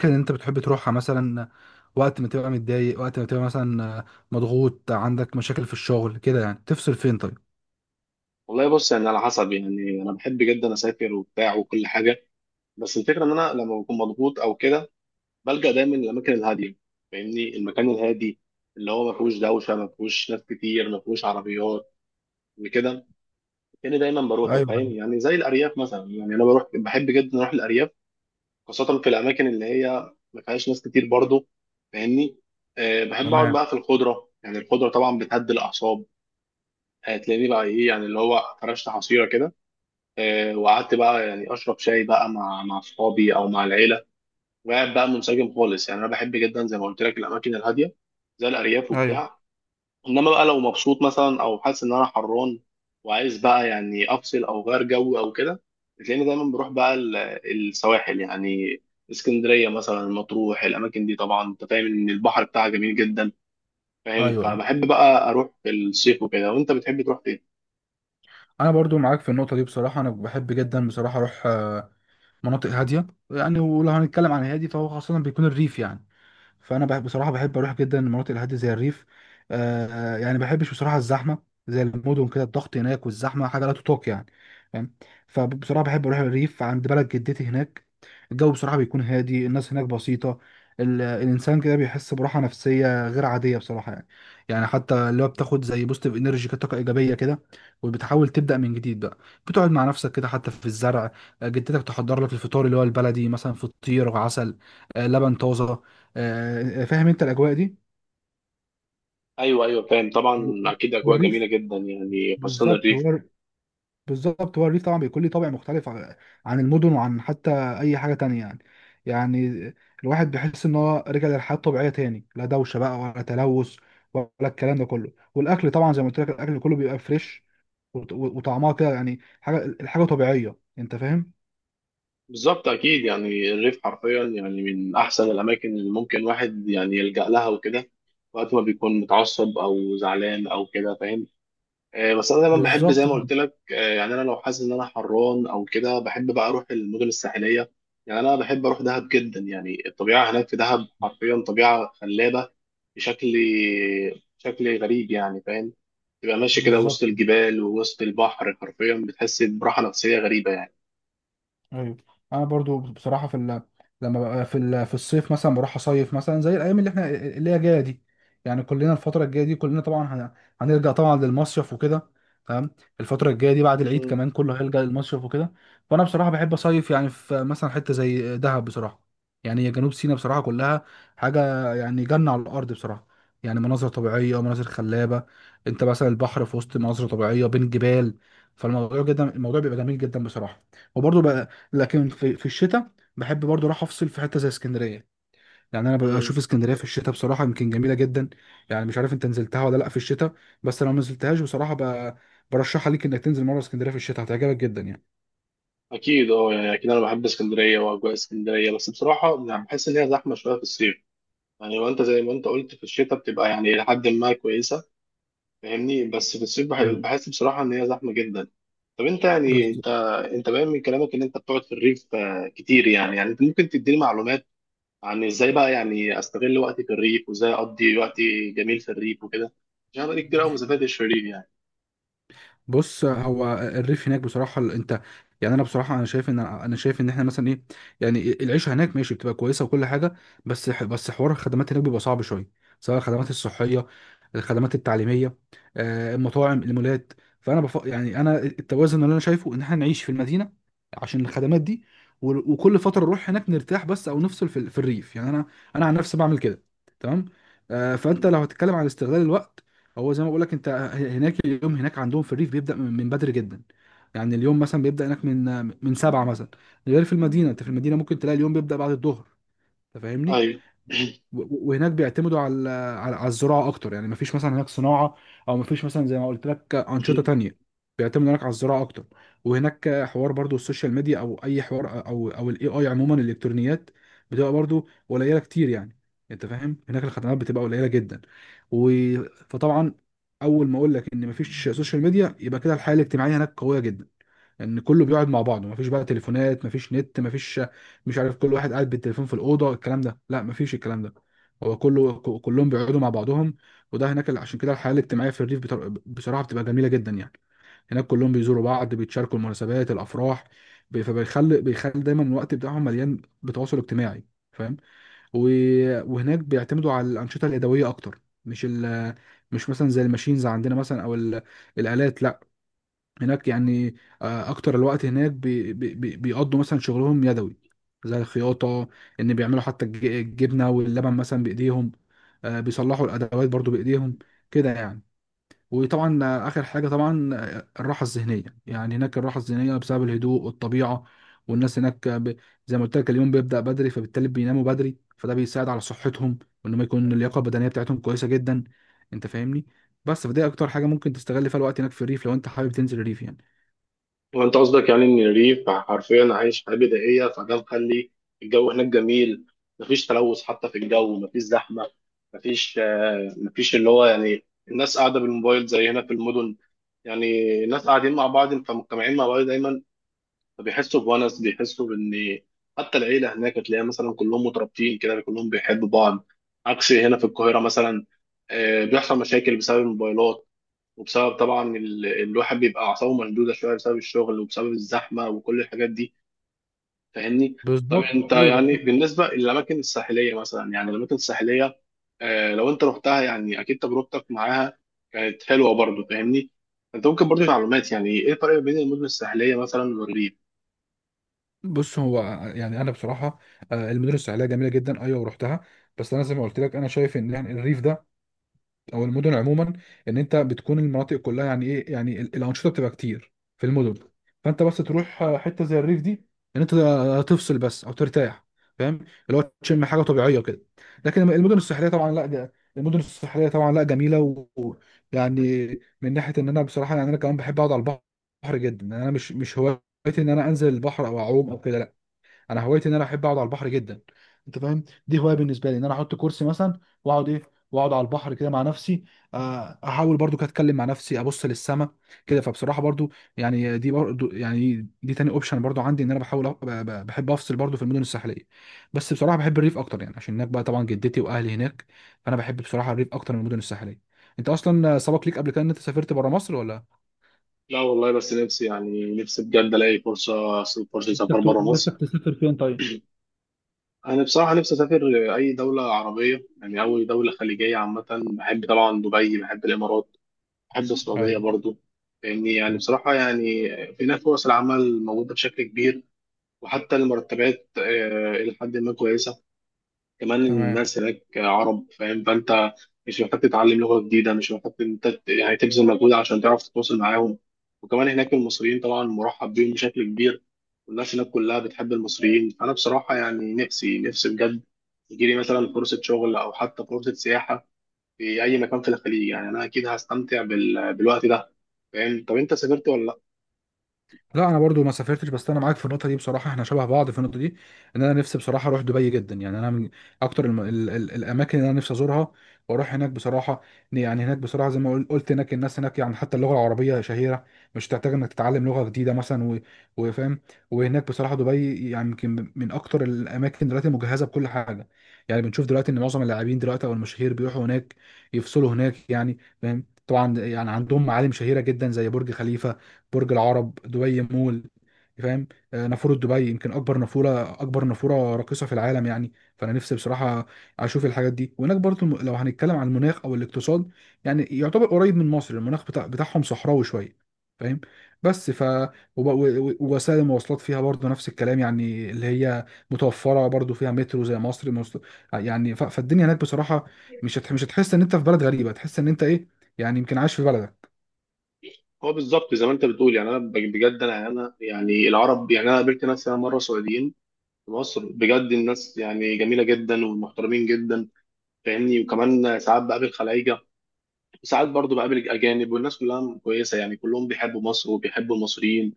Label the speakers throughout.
Speaker 1: الأماكن اللي أنت بتحب تروحها مثلا، وقت ما تبقى متضايق، وقت ما تبقى مثلا مضغوط، عندك مشاكل في الشغل كده يعني، تفصل فين طيب؟
Speaker 2: والله بص، يعني على حسب. يعني انا بحب جدا اسافر وبتاع وكل حاجه، بس الفكره ان انا لما بكون مضغوط او كده بلجأ دايما للاماكن الهاديه. فاهمني؟ المكان الهادي اللي هو ما فيهوش دوشه، ما فيهوش ناس كتير، ما فيهوش عربيات وكده. يعني دايما بروحه،
Speaker 1: ايوه.
Speaker 2: فاهم؟ يعني زي الارياف مثلا. يعني انا بروح، بحب جدا اروح الارياف، خاصه في الاماكن اللي هي ما فيهاش ناس كتير برضه. فاهمني؟ أه، بحب اقعد
Speaker 1: تمام.
Speaker 2: بقى في الخضره. يعني الخضره طبعا بتهدي الاعصاب. هتلاقيني بقى ايه؟ يعني اللي هو فرشت حصيره كده، وقعدت بقى يعني اشرب شاي بقى مع اصحابي او مع العيله، وقاعد بقى منسجم خالص. يعني انا بحب جدا زي ما قلت لك الاماكن الهاديه زي الارياف
Speaker 1: ايوه،
Speaker 2: وبتاع. انما بقى لو مبسوط مثلا، او حاسس ان انا حران وعايز بقى يعني افصل او غير جو او كده، بتلاقيني دايما بروح بقى السواحل، يعني اسكندريه مثلا، مطروح. الاماكن دي طبعا انت فاهم ان البحر بتاعها جميل جدا، فاهم؟
Speaker 1: ايوه. ايوه،
Speaker 2: فبحب بقى اروح في الصيف وكده. وانت بتحب تروح فين؟
Speaker 1: انا برضو معاك في النقطه دي بصراحه، انا بحب جدا بصراحه اروح مناطق هاديه، يعني ولو هنتكلم عن هادي فهو خاصه بيكون الريف يعني. فانا بصراحه بحب اروح جدا المناطق الهاديه زي الريف. آه يعني ما بحبش بصراحه الزحمه، زي المدن كده، الضغط هناك والزحمه حاجه لا تطاق يعني، فاهم؟ فبصراحه بحب اروح الريف عند بلد جدتي هناك. الجو بصراحه بيكون هادي، الناس هناك بسيطه. الانسان كده بيحس براحه نفسيه غير عاديه بصراحه يعني. يعني حتى اللي هو بتاخد زي بوستيف انرجي كده، طاقه ايجابيه كده، وبتحاول تبدا من جديد بقى. بتقعد مع نفسك كده، حتى في الزرع. جدتك تحضر لك الفطار اللي هو البلدي مثلا، فطير وعسل، لبن طازه. فاهم انت الاجواء دي؟
Speaker 2: ايوه ايوه، فاهم طبعا. اكيد اجواء جميله
Speaker 1: والريف
Speaker 2: جدا يعني، خاصه
Speaker 1: بالظبط
Speaker 2: الريف.
Speaker 1: هو، بالظبط هو الريف طبعا بيكون ليه طابع مختلف عن المدن، وعن حتى اي حاجه تانية يعني. يعني الواحد بيحس ان هو رجع للحياه الطبيعيه تاني، لا دوشه بقى ولا تلوث ولا الكلام ده كله، والاكل طبعا زي ما قلت لك الاكل كله بيبقى فريش، وطعمها كده يعني حاجه، الحاجه طبيعيه، انت فاهم؟
Speaker 2: بالظبط. اكيد يعني الريف حرفيا يعني من احسن الاماكن اللي ممكن واحد يعني يلجأ لها وكده، وقت ما بيكون متعصب او زعلان او كده، فاهم؟ آه، بس انا دايما بحب زي
Speaker 1: بالظبط
Speaker 2: ما
Speaker 1: كده،
Speaker 2: قلت لك، يعني انا لو حاسس ان انا حران او كده بحب بقى اروح المدن الساحليه. يعني انا بحب اروح دهب جدا. يعني الطبيعه هناك في دهب حرفيا طبيعه خلابه بشكل شكل غريب، يعني فاهم؟ تبقى ماشي كده
Speaker 1: بالظبط،
Speaker 2: وسط الجبال ووسط البحر، حرفيا بتحس براحه نفسيه غريبه يعني.
Speaker 1: ايوه. انا برضو بصراحه لما ببقى في الصيف مثلا بروح اصيف مثلا زي الايام اللي احنا اللي هي جايه دي، يعني كلنا الفتره الجايه دي، كلنا طبعا هنرجع طبعا للمصيف وكده. تمام. الفتره الجايه دي بعد العيد كمان كله هيلجأ للمصيف وكده. فانا بصراحه بحب اصيف يعني في مثلا حته زي دهب بصراحه، يعني هي جنوب سيناء بصراحه كلها حاجه، يعني جنه على الارض بصراحه. يعني مناظر طبيعيه ومناظر خلابه، انت مثلا البحر في وسط مناظر طبيعيه بين جبال، فالموضوع جدا، الموضوع بيبقى جميل جدا بصراحه. وبرضه لكن في الشتاء بحب برضو اروح افصل في حته زي اسكندريه، يعني انا
Speaker 2: مم.
Speaker 1: بشوف اسكندريه في الشتاء بصراحه يمكن جميله جدا. يعني مش عارف انت نزلتها ولا لا في الشتاء، بس لو ما نزلتهاش بصراحه برشحها ليك انك تنزل مره اسكندريه في الشتاء، هتعجبك جدا يعني.
Speaker 2: اكيد. اه، يعني اكيد انا بحب اسكندريه واجواء اسكندريه، بس بصراحه يعني بحس ان هي زحمه شويه في الصيف، يعني وانت زي ما انت قلت في الشتاء بتبقى يعني الى حد ما كويسه. فاهمني؟ بس في الصيف
Speaker 1: ايوه.
Speaker 2: بحس بصراحه ان هي زحمه جدا. طب انت يعني
Speaker 1: بز-
Speaker 2: انت باين من كلامك ان انت بتقعد في الريف كتير يعني. يعني انت ممكن تديني معلومات عن ازاي بقى يعني استغل وقتي في الريف، وازاي اقضي وقتي جميل في الريف وكده؟ عشان أنا بقالي كتير قوي ما سافرتش في الريف يعني.
Speaker 1: بص هو الريف هناك بصراحة، انت يعني انا بصراحة، انا شايف ان احنا مثلا ايه، يعني العيشة هناك ماشي بتبقى كويسة وكل حاجة، بس حوار الخدمات هناك بيبقى صعب شوية، سواء الخدمات الصحية، الخدمات التعليمية، المطاعم، المولات. فانا يعني انا التوازن اللي انا شايفه ان احنا نعيش في المدينة عشان الخدمات دي، وكل فترة نروح هناك نرتاح بس، او نفصل في الريف يعني، انا عن نفسي بعمل كده. تمام. فانت
Speaker 2: م.
Speaker 1: لو هتتكلم عن استغلال الوقت، هو زي ما بقول لك، انت هناك اليوم هناك عندهم في الريف بيبدا من بدري جدا، يعني اليوم مثلا بيبدا هناك من 7 مثلا، غير في المدينه، انت في المدينه ممكن تلاقي اليوم بيبدا بعد الظهر، انت فاهمني.
Speaker 2: ايوه.
Speaker 1: وهناك بيعتمدوا على الزراعه اكتر، يعني مفيش مثلا هناك صناعه، او مفيش مثلا زي ما قلت لك انشطه تانية، بيعتمدوا هناك على الزراعه اكتر. وهناك حوار برضو السوشيال ميديا، او اي حوار او الاي عموما الالكترونيات بتبقى برضو قليله كتير يعني، انت فاهم، هناك الخدمات بتبقى قليله جدا. و... فطبعا، اول ما اقول لك ان مفيش سوشيال ميديا، يبقى كده الحياه الاجتماعيه هناك قويه جدا، ان كله بيقعد مع بعضه، مفيش بقى تليفونات، مفيش نت، مفيش، مش عارف، كل واحد قاعد بالتليفون في الاوضه، الكلام ده لا، مفيش الكلام ده. هو كله كلهم بيقعدوا مع بعضهم، وده هناك عشان كده الحياه الاجتماعيه في الريف بصراحه بتبقى جميله جدا يعني، هناك كلهم بيزوروا بعض، بيتشاركوا المناسبات، الافراح، فبيخلي دايما الوقت بتاعهم مليان بتواصل اجتماعي، فاهم. وهناك بيعتمدوا على الانشطه اليدويه اكتر، مش مثلا زي الماشينز عندنا مثلا، او الالات لا، هناك يعني، اكتر الوقت هناك بيقضوا مثلا شغلهم يدوي، زي الخياطة، ان بيعملوا حتى الجبنة واللبن مثلا بايديهم، بيصلحوا الادوات برضو بايديهم كده يعني. وطبعا اخر حاجة طبعا، الراحة الذهنية، يعني هناك الراحة الذهنية بسبب الهدوء والطبيعة، والناس هناك زي ما قلت لك اليوم بيبدأ بدري، فبالتالي بيناموا بدري، فده بيساعد على صحتهم، وان ما يكون اللياقة البدنية بتاعتهم كويسة جدا، انت فاهمني. بس فدي اكتر حاجة ممكن تستغل فيها الوقت هناك في الريف، لو انت حابب تنزل الريف يعني.
Speaker 2: وانت قصدك يعني ان الريف حرفيا عايش حياه بدائيه، فده مخلي الجو هناك جميل، مفيش تلوث حتى في الجو، مفيش زحمه، مفيش مفيش اللي هو يعني الناس قاعده بالموبايل زي هنا في المدن. يعني الناس قاعدين مع بعض، فمجتمعين مع بعض دايما، فبيحسوا بونس، بيحسوا بان حتى العيله هناك تلاقيها مثلا كلهم مترابطين كده، كلهم بيحبوا بعض، عكس هنا في القاهره مثلا. آه، بيحصل مشاكل بسبب الموبايلات، وبسبب طبعا الواحد بيبقى اعصابه مشدوده شويه بسبب الشغل وبسبب الزحمه وكل الحاجات دي، فاهمني؟ طب
Speaker 1: بالظبط،
Speaker 2: انت
Speaker 1: ايوه،
Speaker 2: يعني
Speaker 1: بالظبط.
Speaker 2: بالنسبه للاماكن الساحليه مثلا، يعني الاماكن الساحليه آه لو انت رحتها يعني اكيد تجربتك معاها كانت حلوه برضو، فاهمني؟ انت ممكن برضو معلومات يعني ايه الفرق بين المدن الساحليه مثلا والريف؟
Speaker 1: بص هو، يعني انا بصراحه، المدن الساحليه جميله جدا، ايوه، ورحتها. بس انا زي ما قلت لك، انا شايف ان يعني الريف ده، او المدن عموما، ان انت بتكون المناطق كلها يعني ايه، يعني الانشطه بتبقى كتير في المدن، فانت بس تروح حته زي الريف دي، ان انت تفصل بس او ترتاح، فاهم، اللي هو تشم حاجه طبيعيه كده. لكن المدن الساحليه طبعا لا، ده المدن الساحليه طبعا لا، جميله، ويعني من ناحيه ان انا بصراحه، يعني انا كمان بحب اقعد على البحر جدا، يعني انا مش هوايتي ان انا انزل البحر او اعوم او كده، لا، انا هوايتي ان انا احب اقعد على البحر جدا. انت فاهم، دي هوايه بالنسبه لي، ان انا احط كرسي مثلا واقعد ايه، واقعد على البحر كده مع نفسي، احاول برضو كده اتكلم مع نفسي، ابص للسما كده، فبصراحه برضو، يعني دي برضو، يعني دي تاني اوبشن برضو عندي، ان انا بحاول بحب افصل برضو في المدن الساحليه، بس بصراحه بحب الريف اكتر يعني، عشان هناك بقى طبعا جدتي واهلي هناك، فانا بحب بصراحه الريف اكتر من المدن الساحليه. انت اصلا سبق ليك قبل كده ان انت سافرت بره مصر ولا؟
Speaker 2: لا والله، بس نفسي يعني نفسي بجد الاقي فرصه اسافر بره
Speaker 1: نفسك
Speaker 2: مصر.
Speaker 1: تسافر فين طيب؟
Speaker 2: انا بصراحه نفسي اسافر اي دوله عربيه، يعني اي دوله خليجيه عامه. بحب طبعا دبي، بحب الامارات، بحب
Speaker 1: ايوه.
Speaker 2: السعودية برضو. لأني يعني
Speaker 1: تمام.
Speaker 2: بصراحة يعني هناك فرص العمل موجودة بشكل كبير، وحتى المرتبات إلى حد ما كويسة. كمان
Speaker 1: تمام.
Speaker 2: الناس هناك عرب، فاهم؟ فأنت مش محتاج تتعلم لغة جديدة، مش محتاج إن أنت يعني تبذل مجهود عشان تعرف تتواصل معاهم. وكمان هناك المصريين طبعا مرحب بيهم بشكل كبير، والناس هناك كلها بتحب المصريين. أنا بصراحة يعني نفسي بجد يجيلي مثلا فرصة شغل أو حتى فرصة سياحة في أي مكان في الخليج. يعني أنا أكيد هستمتع بالوقت ده، فاهم؟ طب انت سافرت ولا لا؟
Speaker 1: لا، انا برضو ما سافرتش، بس انا معاك في النقطه دي بصراحه، احنا شبه بعض في النقطه دي، ان انا نفسي بصراحه اروح دبي جدا، يعني انا من اكتر الاماكن اللي انا نفسي ازورها، واروح هناك بصراحه. يعني هناك بصراحه زي ما قلت، هناك الناس هناك يعني حتى اللغه العربيه شهيره، مش تحتاج انك تتعلم لغه جديده مثلا، وفاهم. وهناك بصراحه دبي يعني يمكن من اكتر الاماكن دلوقتي مجهزه بكل حاجه، يعني بنشوف دلوقتي ان معظم اللاعبين دلوقتي او المشاهير بيروحوا هناك، يفصلوا هناك يعني، فاهم طبعا، يعني عندهم معالم شهيره جدا، زي برج خليفه، برج العرب، دبي مول، يعني فاهم، نافوره دبي، يمكن اكبر نافوره، اكبر نافوره راقصه في العالم، يعني فانا نفسي بصراحه اشوف الحاجات دي. وهناك برضه لو هنتكلم عن المناخ او الاقتصاد، يعني يعتبر قريب من مصر، المناخ بتاعهم صحراوي شويه، فاهم. بس ف وب- و- و- ووسائل المواصلات فيها برضه نفس الكلام، يعني اللي هي متوفره، برضه فيها مترو زي مصر، يعني فالدنيا هناك بصراحه، مش هتحس ان انت في بلد غريبه، تحس ان انت ايه، يعني يمكن عايش في بلدك.
Speaker 2: هو بالظبط زي ما انت بتقول. يعني انا بجد انا يعني العرب، يعني انا قابلت ناس انا مره سعوديين في مصر، بجد الناس يعني جميله جدا ومحترمين جدا، فاهمني؟ وكمان ساعات بقابل خلايجه، وساعات برضو بقابل اجانب، والناس كلها كويسه يعني. كلهم بيحبوا مصر وبيحبوا المصريين،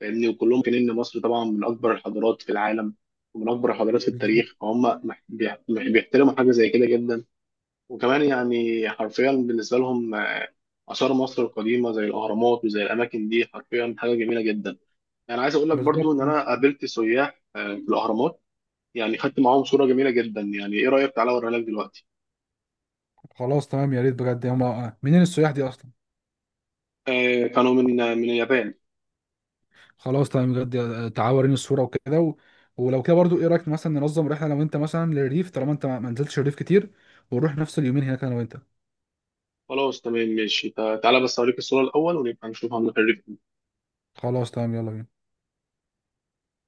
Speaker 2: فاهمني؟ وكلهم كان ان مصر طبعا من اكبر الحضارات في العالم، ومن اكبر الحضارات في
Speaker 1: بالظبط.
Speaker 2: التاريخ، فهم بيحترموا حاجه زي كده جدا. وكمان يعني حرفيا بالنسبة لهم، آثار مصر القديمة زي الأهرامات وزي الأماكن دي حرفيا حاجة جميلة جدا. يعني عايز أقول لك
Speaker 1: بالظبط.
Speaker 2: برضو إن أنا قابلت سياح في الأهرامات، يعني خدت معاهم صورة جميلة جدا. يعني إيه رأيك؟ تعالى أوريها لك دلوقتي.
Speaker 1: خلاص تمام، يا ريت بجد، هما منين السياح دي اصلا؟
Speaker 2: آه، كانوا من من اليابان.
Speaker 1: خلاص تمام بجد، تعالوا وريني الصوره وكده ولو كده برضو، ايه رايك مثلا ننظم رحله، لو انت مثلا للريف، طالما انت ما نزلتش الريف كتير، ونروح نفس اليومين هناك انا وانت.
Speaker 2: خلاص تمام ماشي. تعالى بس أوريك الصورة الأول ونبقى نشوفها من الخريطة.
Speaker 1: خلاص تمام، يلا بينا.